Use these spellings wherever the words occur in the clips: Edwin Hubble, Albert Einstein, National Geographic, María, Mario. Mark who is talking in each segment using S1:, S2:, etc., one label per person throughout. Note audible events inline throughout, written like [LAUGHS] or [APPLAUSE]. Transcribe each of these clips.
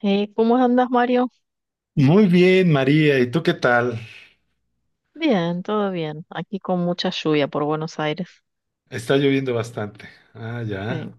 S1: Hey, ¿cómo andas, Mario?
S2: Muy bien, María. ¿Y tú qué tal?
S1: Bien, todo bien. Aquí con mucha lluvia por Buenos Aires.
S2: Está lloviendo bastante. Ah, ya.
S1: Sí,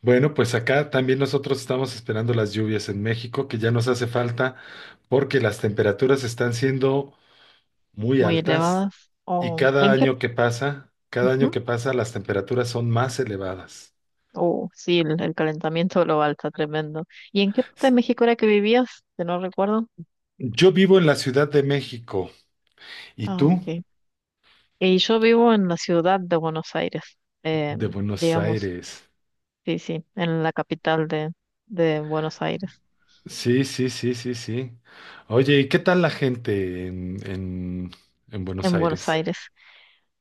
S2: Bueno, pues acá también nosotros estamos esperando las lluvias en México, que ya nos hace falta porque las temperaturas están siendo muy
S1: muy
S2: altas
S1: elevadas.
S2: y
S1: Oh,
S2: cada
S1: ¿en qué?
S2: año que pasa, cada año
S1: Ujú.
S2: que pasa, las temperaturas son más elevadas.
S1: Oh, sí, el calentamiento global está tremendo. ¿Y en qué parte de México era que vivías? Que no recuerdo.
S2: Yo vivo en la Ciudad de México. ¿Y
S1: Ah,
S2: tú?
S1: ok. Y yo vivo en la ciudad de Buenos Aires. eh,
S2: De Buenos
S1: digamos,
S2: Aires.
S1: sí, sí, en la capital de Buenos Aires.
S2: Sí, sí, sí, sí, sí. Oye, ¿y qué tal la gente en Buenos
S1: En Buenos
S2: Aires?
S1: Aires.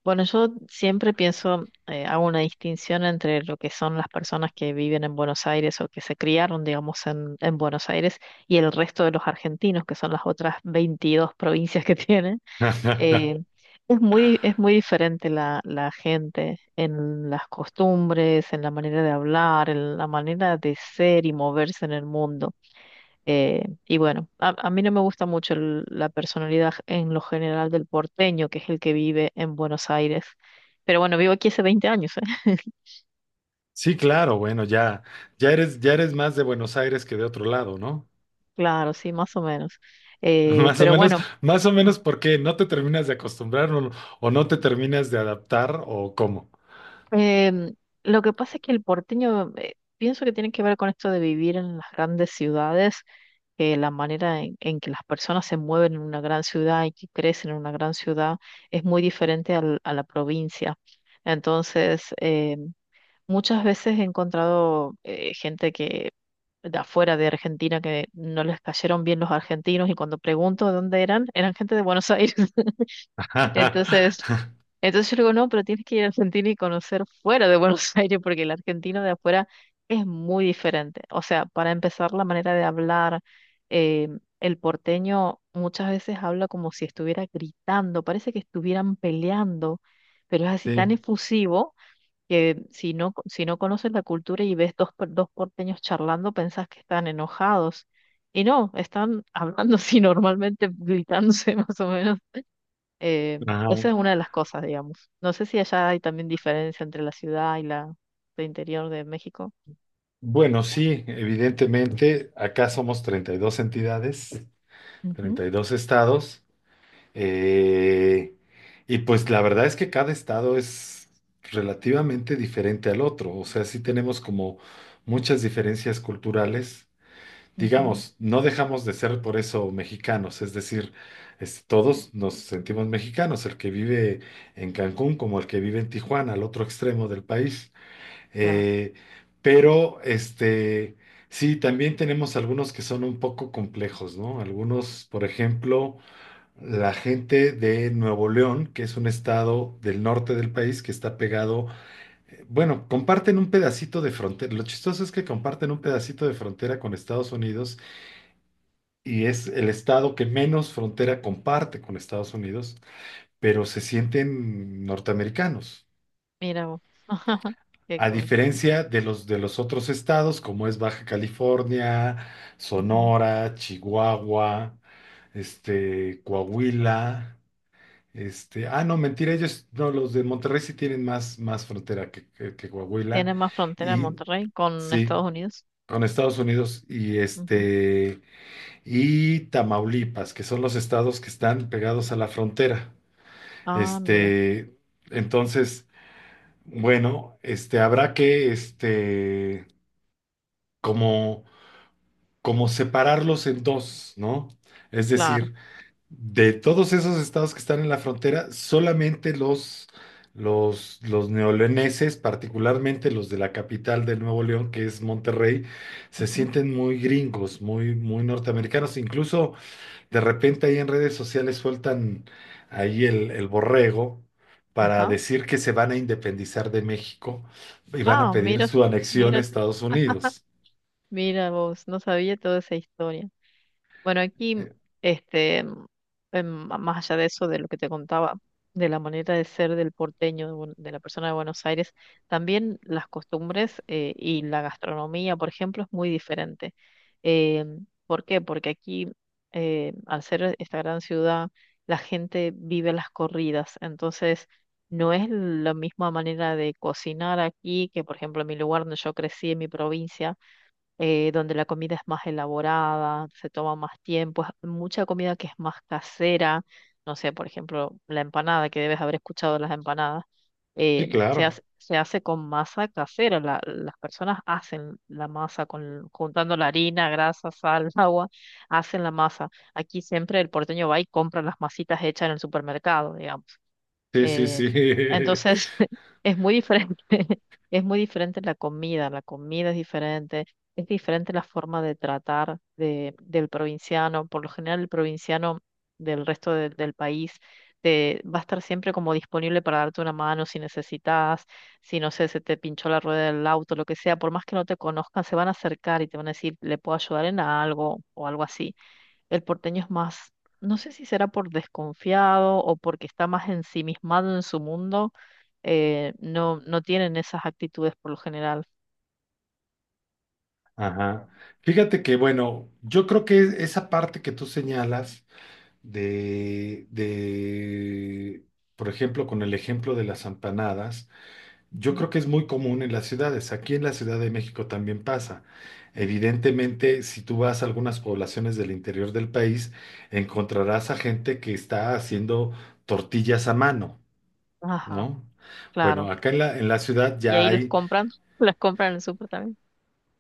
S1: Bueno, yo siempre pienso, hago una distinción entre lo que son las personas que viven en Buenos Aires o que se criaron, digamos, en Buenos Aires y el resto de los argentinos, que son las otras 22 provincias que [LAUGHS] tienen.
S2: [LAUGHS]
S1: Eh, es muy diferente la gente en las costumbres, en la manera de hablar, en la manera de ser y moverse en el mundo. Y bueno, a mí no me gusta mucho la personalidad en lo general del porteño, que es el que vive en Buenos Aires. Pero bueno, vivo aquí hace 20 años, ¿eh? [LAUGHS]
S2: Sí, claro, bueno, ya, ya eres más de Buenos Aires que de otro lado, ¿no?
S1: Claro, sí, más o menos.
S2: [LAUGHS] Más o
S1: Pero
S2: menos,
S1: bueno,
S2: más o menos porque no te terminas de acostumbrar o no te terminas de adaptar o cómo.
S1: em, lo que pasa es que el porteño, pienso que tiene que ver con esto de vivir en las grandes ciudades, que la manera en que las personas se mueven en una gran ciudad y que crecen en una gran ciudad es muy diferente a la provincia. Entonces, muchas veces he encontrado gente que de afuera de Argentina que no les cayeron bien los argentinos, y cuando pregunto de dónde eran, eran gente de Buenos Aires. [LAUGHS] Entonces,
S2: [LAUGHS]
S1: entonces yo le digo, no, pero tienes que ir a Argentina y conocer fuera de Buenos [LAUGHS] Aires porque el argentino de afuera es muy diferente. O sea, para empezar, la manera de hablar, eh, el porteño muchas veces habla como si estuviera gritando, parece que estuvieran peleando, pero es así tan
S2: Sí.
S1: efusivo que si no, si no conoces la cultura y ves dos porteños charlando, pensás que están enojados. Y no, están [LAUGHS] hablando así normalmente, gritándose [LAUGHS] más o menos. Eh, Esa
S2: Ajá.
S1: es una de las cosas, digamos. No sé si allá hay también diferencia entre la ciudad y la el interior de México.
S2: Bueno, sí, evidentemente, acá somos 32 entidades,
S1: Ujú,
S2: 32 estados. Eh, y pues la verdad es que cada estado es relativamente diferente al otro, o sea, sí tenemos como muchas diferencias culturales.
S1: ujú,
S2: Digamos, no dejamos de ser por eso mexicanos, es decir, es- todos nos sentimos mexicanos, el que vive en Cancún como el que vive en Tijuana, al otro extremo del país.
S1: claro,
S2: Eh, pero, este, sí, también tenemos algunos que son un poco complejos, ¿no? Algunos, por ejemplo la gente de Nuevo León, que es un estado del norte del país que está pegado, bueno, comparten un pedacito de frontera. Lo chistoso es que comparten un pedacito de frontera con Estados Unidos y es el estado que menos frontera comparte con Estados Unidos, pero se sienten norteamericanos.
S1: mira vos. [LAUGHS] Qué
S2: A
S1: cosa.
S2: diferencia de los otros estados, como es Baja California,
S1: Ujú.
S2: Sonora, Chihuahua, este, Coahuila. Este, ah, no, mentira, ellos, no, los de Monterrey sí tienen más, más frontera que, que Coahuila.
S1: Tiene más frontera
S2: Y
S1: Monterrey con
S2: sí,
S1: Estados Unidos.
S2: con Estados Unidos y
S1: Ujú.
S2: este, y Tamaulipas, que son los estados que están pegados a la frontera.
S1: Ah, mira,
S2: Este, entonces, bueno, este, habrá que, este, como, como separarlos en dos, ¿no? Es
S1: claro.
S2: decir, de todos esos estados que están en la frontera, solamente los, los neoleoneses, particularmente los de la capital de Nuevo León, que es Monterrey, se
S1: Ujú,
S2: sienten muy gringos, muy, muy norteamericanos. Incluso de repente ahí en redes sociales sueltan ahí el borrego para
S1: ajá.
S2: decir que se van a independizar de México y van a
S1: Ah,
S2: pedir
S1: mira,
S2: su anexión a
S1: mira,
S2: Estados Unidos.
S1: mira vos, no sabía toda esa historia. Bueno, aquí,
S2: Eh,
S1: este, más allá de eso, de lo que te contaba, de la manera de ser del porteño, de, de la persona de Buenos Aires, también las costumbres y la gastronomía, por ejemplo, es muy diferente. Em, ¿por qué? Porque aquí, al ser esta gran ciudad, la gente vive las corridas, entonces no es la misma manera de cocinar aquí que, por ejemplo, en mi lugar donde yo crecí, en mi provincia, donde la comida es más elaborada, se toma más tiempo, es mucha comida que es más casera, no sé, por ejemplo, la empanada, que debes haber escuchado las empanadas,
S2: Sí, claro.
S1: se hace con masa casera, las personas hacen la masa con, juntando la harina, grasa, sal, [LAUGHS] agua, hacen la masa. Aquí siempre el porteño va y compra las masitas hechas en el supermercado, digamos.
S2: Sí, sí,
S1: Eh,
S2: sí. [LAUGHS]
S1: entonces, [LAUGHS] es muy diferente, [LAUGHS] es muy diferente la comida es diferente la forma de tratar del provinciano. Por lo general, el provinciano del del país te, va a estar siempre como disponible para darte una mano si necesitas, si no sé, se te pinchó la rueda del auto, lo que sea, por más que no te conozcan, se van a acercar y te van a decir, ¿le puedo ayudar en algo? O algo así. El porteño es más, no sé si será por desconfiado o porque está más ensimismado en su mundo, no tienen esas actitudes por lo general.
S2: Ajá. Fíjate que, bueno, yo creo que esa parte que tú señalas de, por ejemplo, con el ejemplo de las empanadas, yo
S1: Ujú.
S2: creo que es muy común en las ciudades. Aquí en la Ciudad de México también pasa. Evidentemente, si tú vas a algunas poblaciones del interior del país, encontrarás a gente que está haciendo tortillas a mano,
S1: Ajá,
S2: ¿no? Bueno,
S1: claro.
S2: acá en la ciudad
S1: Y
S2: ya
S1: ahí los
S2: hay
S1: compran, [LAUGHS] las compran en el súper también.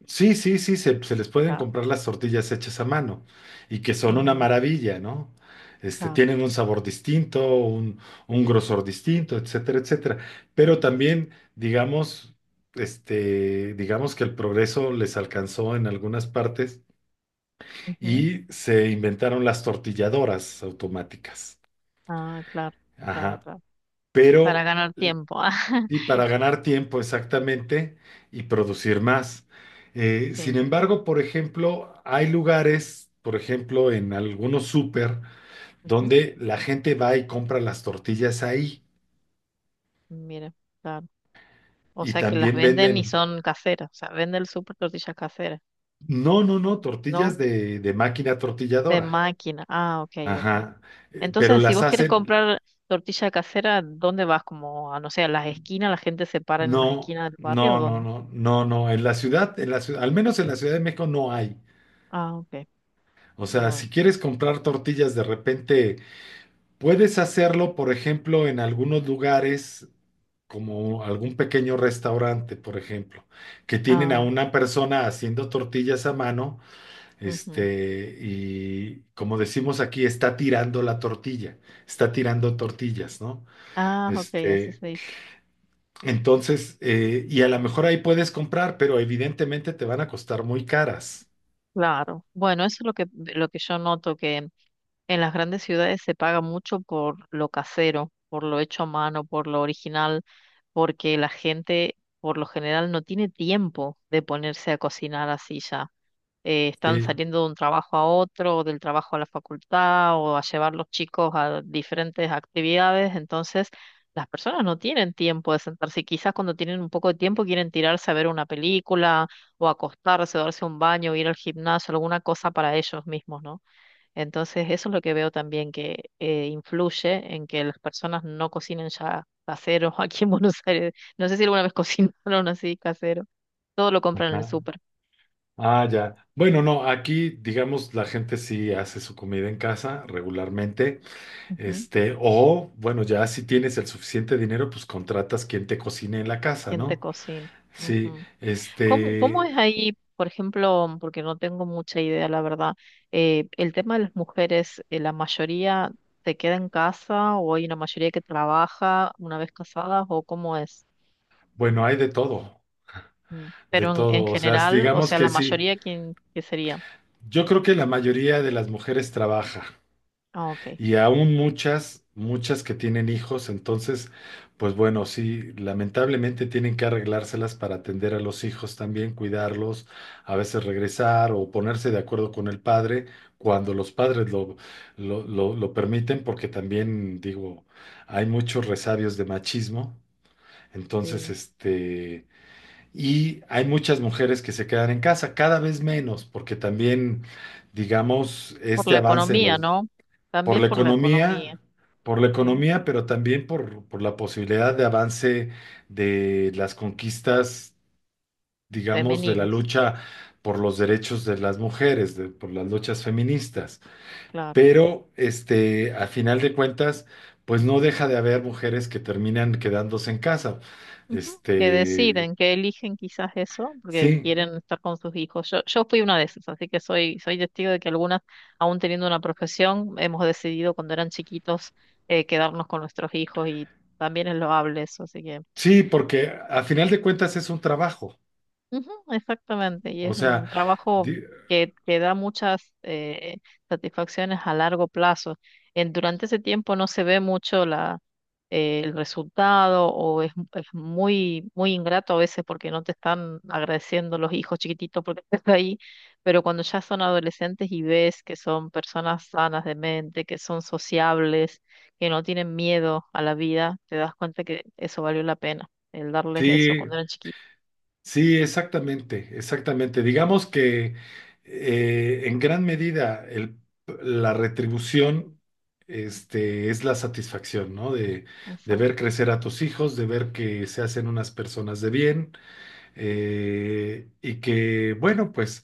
S2: sí, sí, sí, se les pueden
S1: Ah,
S2: comprar las tortillas hechas a mano y que son una
S1: mm,
S2: maravilla, ¿no? Este,
S1: claro.
S2: tienen un sabor distinto, un grosor distinto, etcétera, etcétera. Pero también, digamos, este, digamos que el progreso les alcanzó en algunas partes
S1: Ujú.
S2: y se inventaron las tortilladoras automáticas.
S1: Ah, claro, claro,
S2: Ajá.
S1: claro. Para
S2: Pero
S1: ganar tiempo.
S2: y
S1: [LAUGHS]
S2: para ganar tiempo exactamente y producir más. Sin
S1: Sí.
S2: embargo, por ejemplo, hay lugares, por ejemplo, en algunos súper,
S1: Ujú.
S2: donde la gente va y compra las tortillas ahí
S1: Mira, claro. O
S2: y
S1: sea que las
S2: también
S1: venden y
S2: venden,
S1: son caseras. O sea, vende el súper tortillas caseras,
S2: no, no, no,
S1: ¿no?
S2: tortillas de máquina
S1: De
S2: tortilladora.
S1: máquina. Ah, ok, ok.
S2: Ajá, pero
S1: Entonces, si
S2: las
S1: vos quieres
S2: hacen,
S1: comprar tortilla casera, ¿dónde vas? Como, a, no sé, a las esquinas, la gente se para en las
S2: no,
S1: esquinas del barrio, ¿o
S2: no, no,
S1: dónde?
S2: no, no, no, en la ciudad, al menos en la Ciudad de México no hay.
S1: Ah, ok,
S2: O sea,
S1: no hay.
S2: si quieres comprar tortillas de repente puedes hacerlo, por ejemplo, en algunos lugares, como algún pequeño restaurante, por ejemplo, que tienen a
S1: Ah,
S2: una persona haciendo tortillas a mano,
S1: ujú.
S2: este, y como decimos aquí, está tirando la tortilla, está tirando tortillas, ¿no?
S1: Ah, ok, así
S2: Este,
S1: se dice.
S2: entonces, y a lo mejor ahí puedes comprar, pero evidentemente te van a costar muy caras.
S1: Claro. Bueno, eso es lo que yo noto, que en las grandes ciudades se paga mucho por lo casero, por lo hecho a mano, por lo original, porque la gente por lo general no tiene tiempo de ponerse a cocinar así ya. Están
S2: Sí.
S1: saliendo de un trabajo a otro, o del trabajo a la facultad, o a llevar los chicos a diferentes actividades, entonces las personas no tienen tiempo de sentarse y quizás cuando tienen un poco de tiempo quieren tirarse a ver una película o acostarse, o darse un baño, o ir al gimnasio, alguna cosa para ellos mismos, ¿no? Entonces eso es lo que veo también que influye en que las personas no cocinen ya caseros [LAUGHS] aquí en Buenos Aires. No sé si alguna vez [LAUGHS] cocinaron así casero. Todo lo compran en el
S2: Ajá.
S1: súper.
S2: Ah, ya. Bueno, no, aquí, digamos, la gente sí hace su comida en casa regularmente.
S1: Ujú.
S2: Este, o bueno, ya si tienes el suficiente dinero, pues contratas quien te cocine en la casa,
S1: ¿Quién te
S2: ¿no?
S1: cocina?
S2: Sí,
S1: Ujú. ¿Cómo, cómo
S2: este,
S1: es ahí, por ejemplo, porque no tengo mucha idea, la verdad, el tema de las mujeres, la mayoría se queda en casa o hay una mayoría que trabaja una vez casadas o cómo es?
S2: bueno, hay
S1: Mm.
S2: de
S1: Pero en
S2: todo, o sea,
S1: general, o
S2: digamos
S1: sea, la
S2: que sí.
S1: mayoría, ¿quién, qué sería?
S2: Yo creo que la mayoría de las mujeres trabaja.
S1: Ah, ok,
S2: Y aún muchas, muchas que tienen hijos, entonces, pues bueno, sí, lamentablemente tienen que arreglárselas para atender a los hijos también, cuidarlos, a veces regresar o ponerse de acuerdo con el padre cuando los padres lo permiten, porque también, digo, hay muchos resabios de machismo. Entonces,
S1: sí.
S2: este, y hay muchas mujeres que se quedan en casa, cada vez menos, porque también, digamos,
S1: Por
S2: este
S1: la
S2: avance en
S1: economía,
S2: los
S1: ¿no?
S2: por
S1: También
S2: la
S1: por la economía,
S2: economía, por la
S1: sí.
S2: economía, pero también por la posibilidad de avance de las conquistas, digamos, de la
S1: Femeninas,
S2: lucha por los derechos de las mujeres, de- por las luchas feministas.
S1: claro.
S2: Pero, este, a final de cuentas, pues no deja de haber mujeres que terminan quedándose en casa.
S1: Ujú. Que
S2: Este,
S1: deciden, que eligen quizás eso, porque
S2: sí,
S1: quieren estar con sus hijos. Yo fui una de esas, así que soy, soy testigo de que algunas, aún teniendo una profesión, hemos decidido cuando eran chiquitos quedarnos con nuestros hijos y también es loable eso, así que
S2: sí, porque a final de cuentas es un trabajo.
S1: ujú, exactamente, y
S2: O
S1: es un
S2: sea,
S1: trabajo
S2: di-
S1: que da muchas satisfacciones a largo plazo. Durante ese tiempo no se ve mucho el resultado, o es muy, muy ingrato a veces porque no te están agradeciendo los hijos chiquititos porque [LAUGHS] estás ahí, pero cuando ya son adolescentes y ves que son personas sanas de mente, que son sociables, que no tienen miedo a la vida, te das cuenta que eso valió la pena, el darles eso
S2: sí,
S1: cuando eran chiquitos.
S2: sí, exactamente, exactamente. Digamos que en gran medida el- la retribución este, es la satisfacción, ¿no? De
S1: Exacto.
S2: ver crecer a tus hijos, de ver que se hacen unas personas de bien y que, bueno, pues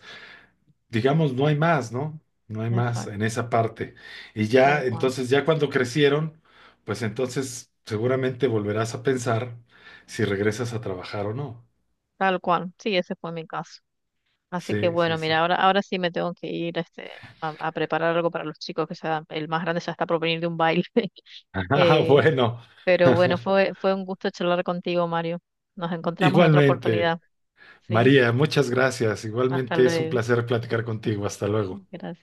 S2: digamos, no hay más, ¿no? No hay más
S1: Exacto,
S2: en esa parte. Y ya,
S1: tal cual,
S2: entonces, ya cuando crecieron, pues entonces seguramente volverás a pensar si regresas a trabajar o no.
S1: tal cual. Sí, ese fue mi caso. Así que
S2: Sí, sí,
S1: bueno,
S2: sí.
S1: mira, ahora, ahora sí me tengo que ir, este, a preparar algo para los chicos, que ya el más grande ya está por venir de un baile. [LAUGHS]
S2: Ah,
S1: Eh,
S2: bueno,
S1: pero bueno,
S2: [LAUGHS]
S1: fue un gusto charlar contigo, Mario. Nos encontramos en otra
S2: igualmente.
S1: oportunidad. Sí,
S2: María, muchas gracias.
S1: hasta
S2: Igualmente es un
S1: luego.
S2: placer platicar contigo. Hasta luego.
S1: Gracias.